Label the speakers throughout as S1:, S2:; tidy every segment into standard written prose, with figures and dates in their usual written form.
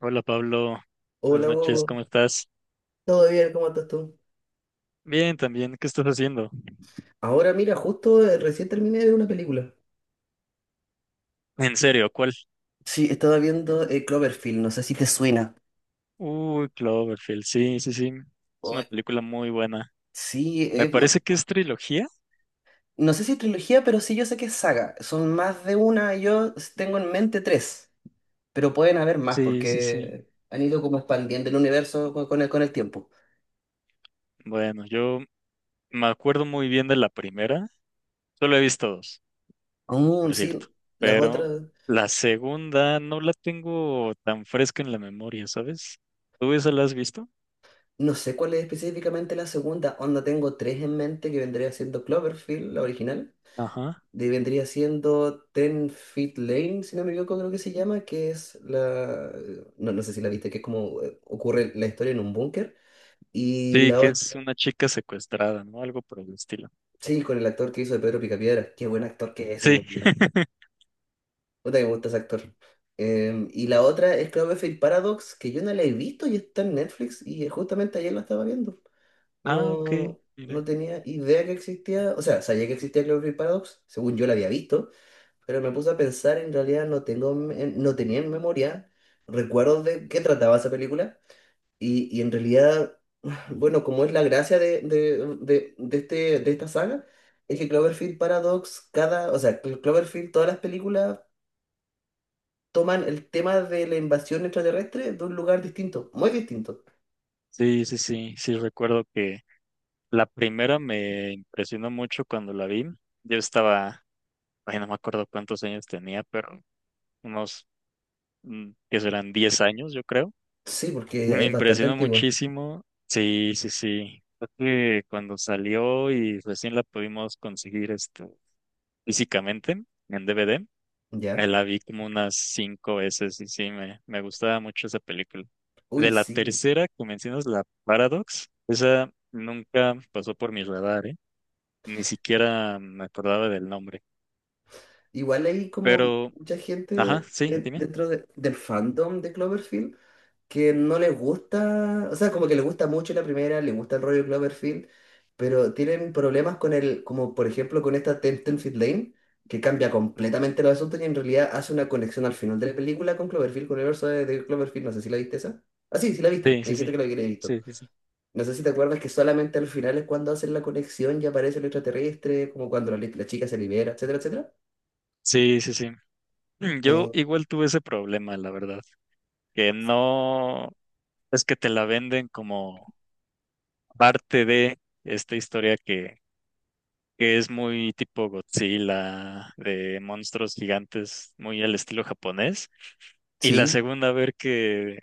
S1: Hola Pablo, buenas
S2: Hola,
S1: noches,
S2: Hugo.
S1: ¿cómo estás?
S2: ¿Todo bien? ¿Cómo estás tú?
S1: Bien, también, ¿qué estás haciendo?
S2: Ahora mira, justo recién terminé de ver una película.
S1: En serio, ¿cuál?
S2: Sí, estaba viendo Cloverfield, no sé si te suena.
S1: Uy, Cloverfield, sí, sí, sí, es una
S2: Uy.
S1: película muy buena.
S2: Sí,
S1: Me parece que es trilogía.
S2: no sé si es trilogía, pero sí yo sé que es saga. Son más de una, y yo tengo en mente tres, pero pueden haber más
S1: Sí, sí, sí.
S2: porque han ido como expandiendo el universo con el tiempo.
S1: Bueno, yo me acuerdo muy bien de la primera, solo he visto dos,
S2: Aún
S1: por cierto,
S2: sí, las
S1: pero
S2: otras,
S1: la segunda no la tengo tan fresca en la memoria, ¿sabes? ¿Tú esa la has visto?
S2: no sé cuál es específicamente la segunda, onda tengo tres en mente que vendría siendo Cloverfield, la original.
S1: Ajá.
S2: Vendría siendo Ten Feet Lane, si no me equivoco, creo que se llama, que es la... No, no sé si la viste, que es como ocurre la historia en un búnker. Y
S1: Sí,
S2: la
S1: que es
S2: otra,
S1: una chica secuestrada, ¿no? Algo por el estilo.
S2: sí, con el actor que hizo de Pedro Picapiedra. Qué buen actor que es ese,
S1: Sí.
S2: Dios mío. Puta que me gusta ese actor. Y la otra es Cloverfield Paradox, que yo no la he visto y está en Netflix y justamente ayer la estaba viendo.
S1: Ah, ok,
S2: No, no
S1: mira.
S2: tenía idea que existía, o sea, sabía que existía Cloverfield Paradox, según yo la había visto. Pero me puse a pensar, en realidad no tenía en memoria recuerdos de qué
S1: Ujú.
S2: trataba esa película. Y en realidad, bueno, como es la gracia de esta saga, es que Cloverfield Paradox, o sea, Cloverfield, todas las películas toman el tema de la invasión extraterrestre de un lugar distinto, muy distinto.
S1: Sí, sí, sí, sí, recuerdo que la primera me impresionó mucho cuando la vi. Yo estaba, ay, no me acuerdo cuántos años tenía, pero unos, que serán 10 años, yo creo.
S2: Sí, porque
S1: Me
S2: es bastante
S1: impresionó
S2: antigua,
S1: muchísimo. Sí, sí, sí. Creo que cuando salió y recién la pudimos conseguir este, físicamente en DVD. Me
S2: ¿ya?
S1: la vi como unas 5 veces y sí, me gustaba mucho esa película. De
S2: Uy,
S1: la
S2: sí.
S1: tercera, que mencionas, la Paradox, esa nunca pasó por mi radar, ¿eh? Ni siquiera me acordaba del nombre.
S2: Igual hay como
S1: Pero,
S2: mucha
S1: ajá,
S2: gente
S1: sí, dime.
S2: dentro del fandom de Cloverfield que no les gusta, o sea, como que les gusta mucho la primera, les gusta el rollo Cloverfield, pero tienen problemas con el, como por ejemplo con esta Tenfield Lane, que cambia completamente los asuntos y en realidad hace una conexión al final de la película con Cloverfield, con el universo de Cloverfield, no sé si la viste esa. Ah, sí, sí la viste,
S1: Sí,
S2: me
S1: sí,
S2: dijiste
S1: sí.
S2: que la habías visto.
S1: Sí, sí, sí.
S2: No sé si te acuerdas que solamente al final es cuando hacen la conexión y aparece el extraterrestre, como cuando la chica se libera, etcétera, etcétera.
S1: Sí, sí, sí. Yo
S2: Eh,
S1: igual tuve ese problema, la verdad, que no, es que te la venden como parte de esta historia que es muy tipo Godzilla, de monstruos gigantes, muy al estilo japonés. Y la
S2: sí,
S1: segunda, a ver que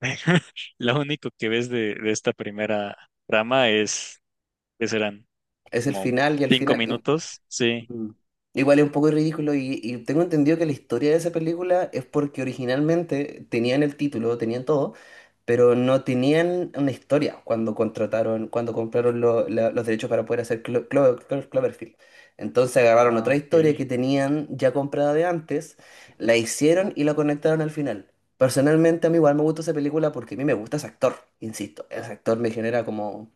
S1: lo único que ves de esta primera trama es que serán
S2: es el
S1: como
S2: final y al
S1: cinco
S2: final.
S1: minutos. Sí.
S2: Mm. Igual es un poco ridículo y tengo entendido que la historia de esa película es porque originalmente tenían el título, tenían todo, pero no tenían una historia cuando contrataron, cuando compraron los derechos para poder hacer Cloverfield. Entonces agarraron otra
S1: Ah,
S2: historia
S1: ok.
S2: que tenían ya comprada de antes, la hicieron y la conectaron al final. Personalmente a mí igual me gusta esa película porque a mí me gusta ese actor, insisto, ese actor me genera como...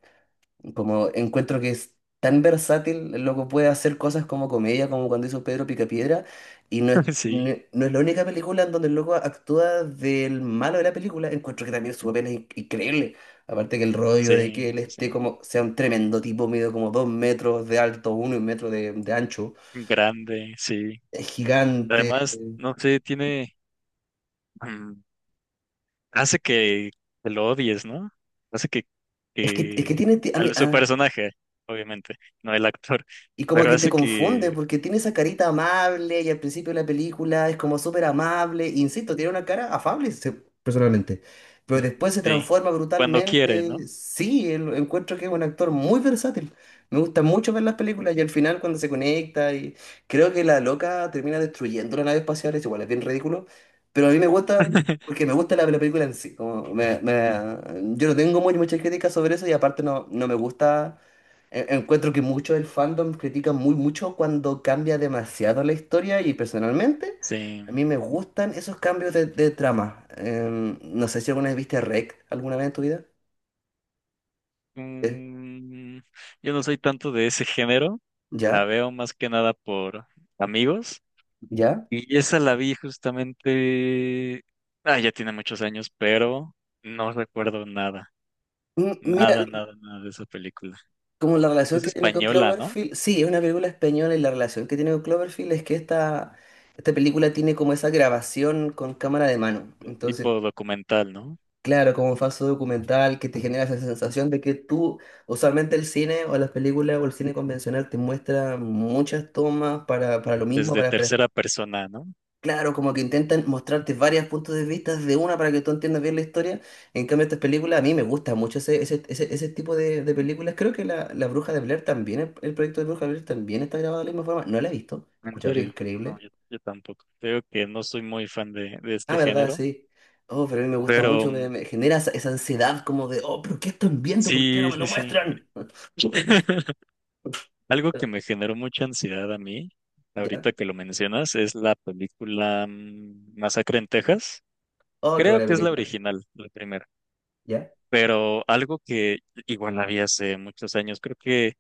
S2: Como encuentro que es tan versátil, el loco puede hacer cosas como comedia, como cuando hizo Pedro Picapiedra, y
S1: Sí,
S2: no es la única película en donde el loco actúa del malo de la película. Encuentro que también su papel es increíble. Aparte que el rollo de
S1: sí,
S2: que él
S1: sí, sí.
S2: esté como, sea un tremendo tipo, medio como 2 metros de alto, uno y 1 metro de ancho,
S1: Grande, sí.
S2: es gigante.
S1: Además, no sé, tiene. mm, Hace que lo odies, ¿no? Hace
S2: Es que
S1: que
S2: tiene, ti- a mí,
S1: su
S2: ah,
S1: personaje, obviamente, no el actor,
S2: Y como
S1: pero
S2: que te
S1: hace
S2: confunde,
S1: que,
S2: porque tiene esa carita amable y al principio de la película es como súper amable. E insisto, tiene una cara afable, personalmente. Pero después se
S1: sí,
S2: transforma
S1: cuando quiere, ¿no?
S2: brutalmente. Sí, encuentro que es un actor muy versátil. Me gusta mucho ver las películas y al final cuando se conecta y creo que la loca termina destruyendo la nave espacial, es igual, es bien ridículo. Pero a mí me gusta porque me gusta la película en sí. Como yo no tengo muchas críticas sobre eso y aparte no, no me gusta. Encuentro que mucho del fandom critica muy mucho cuando cambia demasiado la historia y personalmente
S1: Sí.
S2: a mí me gustan esos cambios de trama. No sé si alguna vez viste REC alguna vez en tu vida. Eh,
S1: Mm, yo no soy tanto de ese género, la
S2: ¿Ya?
S1: veo más que nada por amigos
S2: ¿Ya?
S1: y esa la vi justamente, ah, ya tiene muchos años, pero no recuerdo
S2: Mira
S1: nada de esa película.
S2: como la relación
S1: Es
S2: que tiene con
S1: española, ¿no?
S2: Cloverfield, sí, es una película española y la relación que tiene con Cloverfield es que esta película tiene como esa grabación con cámara de mano.
S1: De
S2: Entonces
S1: tipo documental, ¿no?
S2: claro, como un falso documental que te genera esa sensación de que tú, usualmente el cine o las películas o el cine convencional te muestra muchas tomas para lo mismo,
S1: Desde tercera persona, ¿no?
S2: claro, como que intentan mostrarte varios puntos de vista de una para que tú entiendas bien la historia. En cambio, estas películas, a mí me gusta mucho ese tipo de películas. Creo que la Bruja de Blair también, el proyecto de Bruja de Blair también está grabado de la misma forma. No la he visto, he
S1: ¿En
S2: escuchado que es
S1: serio? No,
S2: increíble.
S1: yo tampoco. Creo que no soy muy fan de
S2: Ah,
S1: este
S2: verdad,
S1: género,
S2: sí. Oh, pero a mí me gusta
S1: pero
S2: mucho,
S1: mm,
S2: me genera esa ansiedad como de, oh, pero ¿qué están viendo? ¿Por qué no
S1: sí,
S2: me lo
S1: sí, sí.
S2: muestran?
S1: Algo que me generó mucha ansiedad a mí,
S2: ¿Ya?
S1: ahorita que lo mencionas, es la película Masacre en Texas.
S2: Oh, qué
S1: Creo
S2: buena
S1: que es la
S2: película.
S1: original, la primera,
S2: ¿Ya?
S1: pero algo que igual la vi hace muchos años, creo que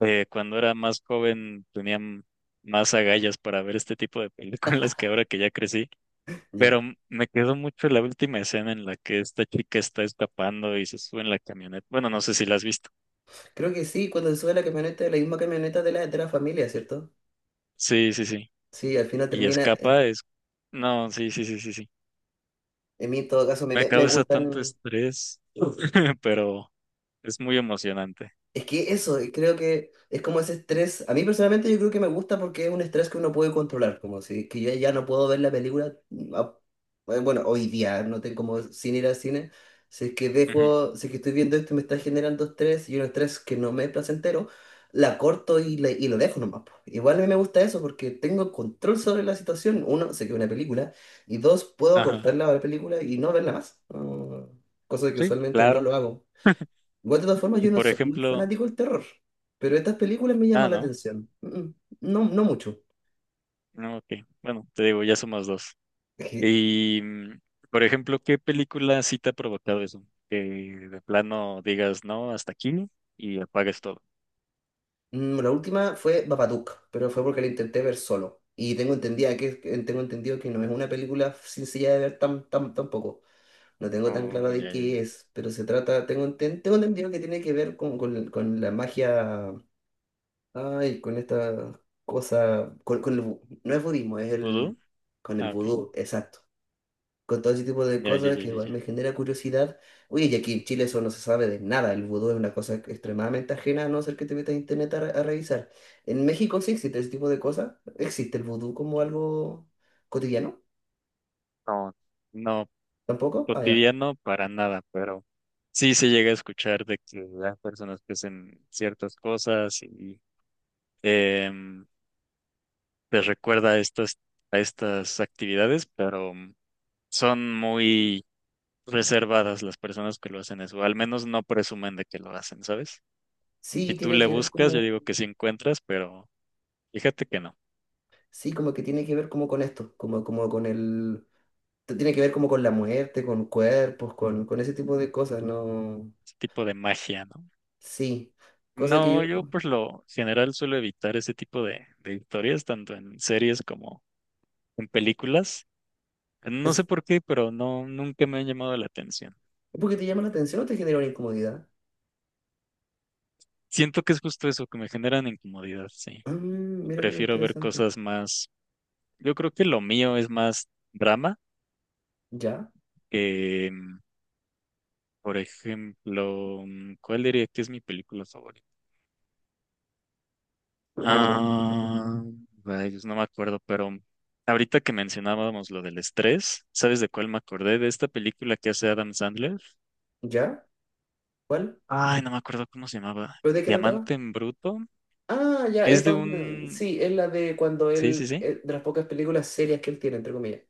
S1: cuando era más joven tenía más agallas para ver este tipo de películas que ahora que ya crecí.
S2: ¿Ya?
S1: Pero me quedó mucho la última escena en la que esta chica está escapando y se sube en la camioneta. Bueno, no sé si la has visto.
S2: Creo que sí, cuando se sube a la camioneta, es la misma camioneta de la familia, ¿cierto?
S1: Sí, sí, sí.
S2: Sí, al final
S1: Y
S2: termina,
S1: escapa, es... No, sí, sí, sí, sí, sí.
S2: en mí en todo caso
S1: Me
S2: me
S1: causa tanto
S2: gustan.
S1: estrés, pero es muy emocionante.
S2: Es que eso, y creo que es como ese estrés. A mí personalmente yo creo que me gusta porque es un estrés que uno puede controlar, como si que yo ya no puedo ver la película. a- Bueno, hoy día no tengo como sin ir al cine. Si es que
S1: Ujú.
S2: dejo, si es que estoy viendo esto y me está generando estrés y un estrés que no me es placentero, la corto y lo dejo nomás, po. Igual a mí me gusta eso porque tengo control sobre la situación. Uno, sé que es una película y dos, puedo
S1: Ajá.
S2: cortarla a la película y no verla más. No, cosa que
S1: Sí,
S2: usualmente no
S1: claro.
S2: lo hago. Igual, de todas formas,
S1: Y
S2: yo no
S1: por
S2: soy muy
S1: ejemplo...
S2: fanático del terror, pero estas películas me
S1: Ah,
S2: llaman la
S1: no.
S2: atención. No, no mucho.
S1: No, ok. Bueno, te digo, ya somos dos.
S2: Es que,
S1: Y, por ejemplo, ¿qué película sí te ha provocado eso? Que de plano digas, no, hasta aquí y apagues todo.
S2: la última fue Babadook, pero fue porque la intenté ver solo. Y tengo entendida tengo entendido que no es una película sencilla de ver tampoco. No tengo tan claro
S1: Oh,
S2: de
S1: ya,
S2: qué
S1: ya.
S2: es, pero se trata, tengo entendido que tiene que ver con la magia, ay, con esta cosa, con el, no es budismo, es el,
S1: ¿Vudú?
S2: con el
S1: Ah, ok.
S2: vudú, exacto. Con todo ese tipo de
S1: Ya, ya,
S2: cosas
S1: ya,
S2: que
S1: ya,
S2: igual
S1: ya.
S2: me genera curiosidad. Oye, y aquí en Chile eso no se sabe de nada, el vudú es una cosa extremadamente ajena, a no ser que te metas a internet a revisar. En México sí existe ese tipo de cosas, existe el vudú como algo cotidiano,
S1: No, no
S2: tampoco, ah, ya.
S1: cotidiano para nada, pero sí se llega a escuchar de que las personas que hacen ciertas cosas y em, les recuerda a estas actividades, pero son muy reservadas las personas que lo hacen eso, al menos no presumen de que lo hacen, ¿sabes? Si
S2: Sí,
S1: tú
S2: tiene
S1: le
S2: que ver
S1: buscas, yo
S2: como,
S1: digo que sí encuentras, pero fíjate que no,
S2: sí, como que tiene que ver como con esto, como con el, tiene que ver como con la muerte, con cuerpos, con ese tipo de cosas, ¿no?
S1: es tipo de magia, ¿no?
S2: Sí, cosa que yo,
S1: No, yo por lo general suelo evitar ese tipo de historias, tanto en series como en películas. No sé
S2: es,
S1: por qué, pero no, nunca me han llamado la atención.
S2: ¿porque te llama la atención o te genera una incomodidad?
S1: Siento que es justo eso, que me generan incomodidad, sí.
S2: Mm, mira qué
S1: Prefiero ver
S2: interesante.
S1: cosas más. Yo creo que lo mío es más drama
S2: ¿Ya?
S1: que, por ejemplo, ¿cuál diría que es mi película favorita? Ah, rayos, no me acuerdo, pero ahorita que mencionábamos lo del estrés, ¿sabes de cuál me acordé? De esta película que hace Adam Sandler.
S2: ¿Ya? ¿Cuál?
S1: Ay, no me acuerdo cómo se llamaba.
S2: ¿Pero de qué trataba?
S1: Diamante en Bruto.
S2: Ah, ya,
S1: Es
S2: es
S1: de
S2: donde...
S1: un...
S2: Sí, es la de cuando
S1: Sí, sí,
S2: él...
S1: sí.
S2: De las pocas películas serias que él tiene, entre comillas.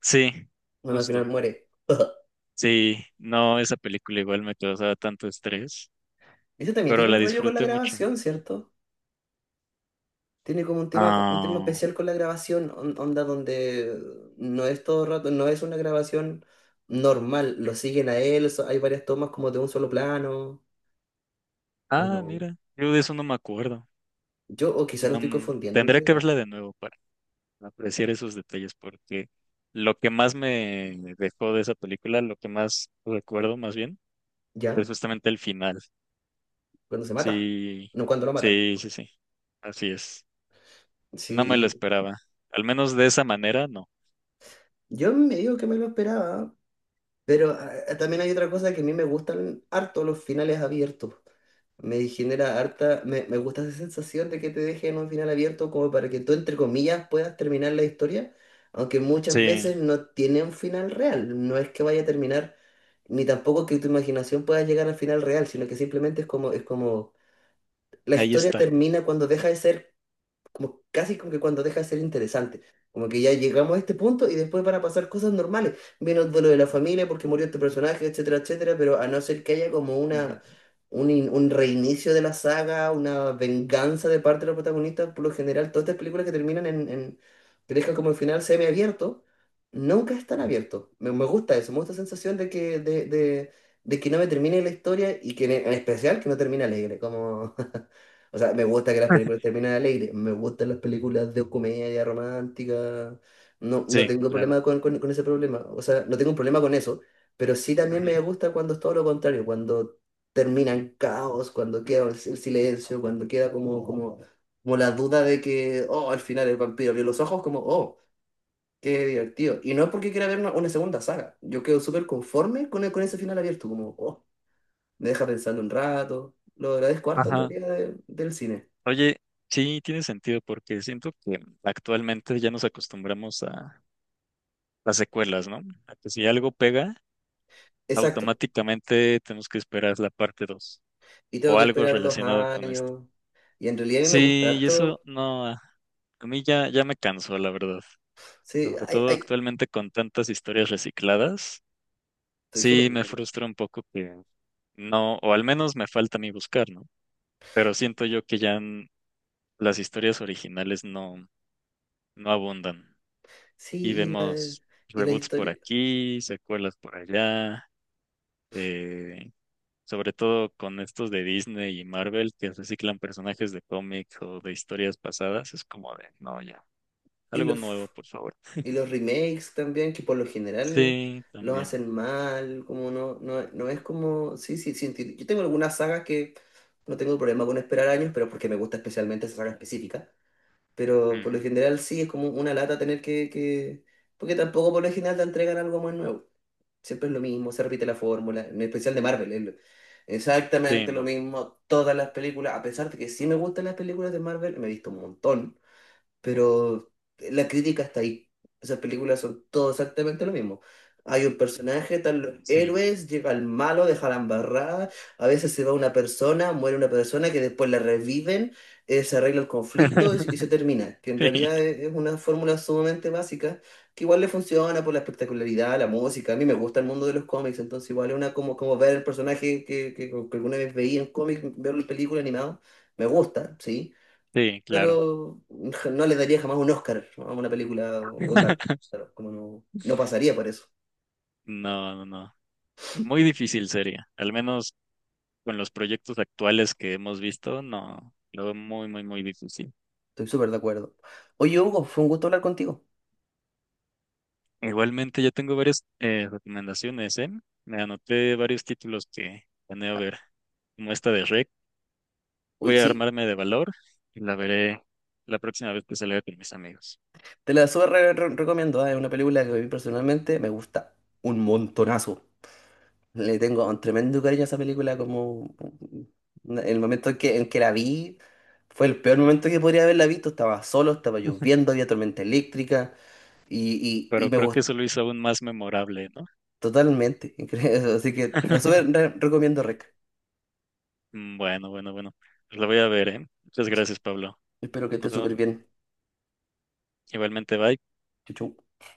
S1: Sí,
S2: Cuando al final
S1: justo.
S2: muere.
S1: Sí, no, esa película igual me causaba tanto estrés,
S2: Ese también
S1: pero
S2: tiene un
S1: la
S2: rollo con la
S1: disfruté mucho.
S2: grabación, ¿cierto? Tiene como un tema
S1: Ah,
S2: especial con la grabación, onda donde no es todo el rato, no es una grabación normal, lo siguen a él, hay varias tomas como de un solo plano, o no.
S1: Mira, yo de eso no me acuerdo.
S2: Yo, o quizá lo
S1: No,
S2: estoy confundiendo en
S1: tendré que
S2: realidad.
S1: verla de nuevo para apreciar esos detalles porque lo que más me dejó de esa película, lo que más recuerdo más bien, es
S2: ¿Ya?
S1: justamente el final.
S2: Cuando se mata,
S1: Sí,
S2: no cuando lo matan.
S1: sí, sí, sí, así es. No me lo
S2: Sí,
S1: esperaba. Al menos de esa manera, no.
S2: yo me digo que me lo esperaba, pero también hay otra cosa que a mí me gustan harto los finales abiertos. Me genera harta, me gusta esa sensación de que te dejen un final abierto como para que tú, entre comillas, puedas terminar la historia, aunque muchas
S1: Sí,
S2: veces no tiene un final real. No es que vaya a terminar, ni tampoco que tu imaginación pueda llegar al final real, sino que simplemente es como, la
S1: ahí
S2: historia
S1: está.
S2: termina cuando deja de ser como casi como que cuando deja de ser interesante. Como que ya llegamos a este punto y después van a pasar cosas normales. Viene el duelo de la familia porque murió este personaje, etcétera, etcétera, pero a no ser que haya como
S1: Ujú.
S2: un reinicio de la saga, una venganza de parte de los protagonistas, por lo general, todas estas películas que terminan en que dejan como el final semiabierto, nunca están abiertos. Me gusta eso, me gusta la sensación de que no me termine la historia y que en especial que no termine alegre, como... O sea, me gusta que las películas terminen alegres, me gustan las películas de comedia romántica, no, no
S1: Sí,
S2: tengo
S1: claro.
S2: problema con ese problema, o sea, no tengo un problema con eso, pero sí también
S1: Ujú.
S2: me gusta cuando es todo lo contrario, cuando termina en caos, cuando queda el silencio, cuando queda como la duda de que, oh, al final el vampiro abrió los ojos, como, oh, qué divertido. Y no es porque quiera ver una segunda saga, yo quedo súper conforme con ese final abierto, como, oh, me deja pensando un rato, lo agradezco harto en
S1: Ajá.
S2: realidad del cine.
S1: Oye, sí, tiene sentido porque siento que actualmente ya nos acostumbramos a las secuelas, ¿no? A que si algo pega,
S2: Exacto.
S1: automáticamente tenemos que esperar la parte 2
S2: Y tengo
S1: o
S2: que
S1: algo
S2: esperar dos
S1: relacionado con esto.
S2: años. Y en realidad a mí me gusta
S1: Sí, y eso
S2: harto.
S1: no, a mí ya, ya me cansó, la verdad.
S2: Sí,
S1: Sobre
S2: ay,
S1: todo
S2: ay,
S1: actualmente con tantas historias recicladas,
S2: estoy súper
S1: sí
S2: de
S1: me
S2: acuerdo.
S1: frustra un poco que no, o al menos me falta a mí buscar, ¿no? Pero siento yo que ya las historias originales no, no abundan. Y
S2: Sí,
S1: vemos
S2: y la
S1: reboots por
S2: historia.
S1: aquí, secuelas por allá, eh, sobre todo con estos de Disney y Marvel que reciclan personajes de cómic o de historias pasadas, es como de, no, ya,
S2: Y
S1: algo
S2: los,
S1: nuevo, por favor.
S2: y los remakes también, que por lo general
S1: Sí,
S2: los
S1: también.
S2: hacen mal. Como no, no, no es como. Sí, sí, sí. Yo tengo algunas sagas que no tengo problema con esperar años, pero porque me gusta especialmente esa saga específica. Pero por lo
S1: Ujú.
S2: general sí, es como una lata tener que... Porque tampoco por lo general te entregan algo muy nuevo. Siempre es lo mismo, se repite la fórmula, en especial de Marvel. Exactamente lo
S1: Sí,
S2: mismo, todas las películas, a pesar de que sí me gustan las películas de Marvel, me he visto un montón, pero la crítica está ahí. Esas películas son todo exactamente lo mismo. Hay un personaje, están los
S1: sí.
S2: héroes, llega el malo, deja la embarrada, a veces se va una persona, muere una persona que después la reviven, se arregla el conflicto y se termina, que en
S1: Sí,
S2: realidad es una fórmula sumamente básica que igual le funciona por la espectacularidad, la música. A mí me gusta el mundo de los cómics, entonces igual es una como, como ver el personaje que alguna vez veía en cómics, verlo en película animado, me gusta, ¿sí?
S1: sí, claro.
S2: Pero ja, no le daría jamás un Oscar a una película o un Marvel. Claro, como no, no pasaría por eso.
S1: No, no, no. Muy difícil sería. Al menos con los proyectos actuales que hemos visto, no. Lo veo muy, muy, muy difícil.
S2: Estoy súper de acuerdo. Oye, Hugo, fue un gusto hablar contigo.
S1: Igualmente, ya tengo varias recomendaciones, ¿eh? Me anoté varios títulos que planeo ver, como esta de Rec.
S2: Uy,
S1: Voy a
S2: sí,
S1: armarme de valor y la veré la próxima vez que salga con mis amigos.
S2: te la súper recomiendo. Es una película que a mí personalmente me gusta un montonazo. Le tengo un tremendo cariño a esa película, como el momento en que la vi fue el peor momento que podría haberla visto. Estaba solo, estaba lloviendo, había tormenta eléctrica y
S1: Pero
S2: me
S1: creo que
S2: gustó
S1: eso lo hizo aún más memorable, ¿no?
S2: totalmente. Así que te la súper recomiendo, Rec.
S1: Bueno, bueno, bueno. Pues la voy a ver, ¿eh? Muchas gracias, Pablo.
S2: Espero que
S1: Nos
S2: estés
S1: vemos.
S2: súper bien.
S1: Igualmente, bye.
S2: Chau, chau.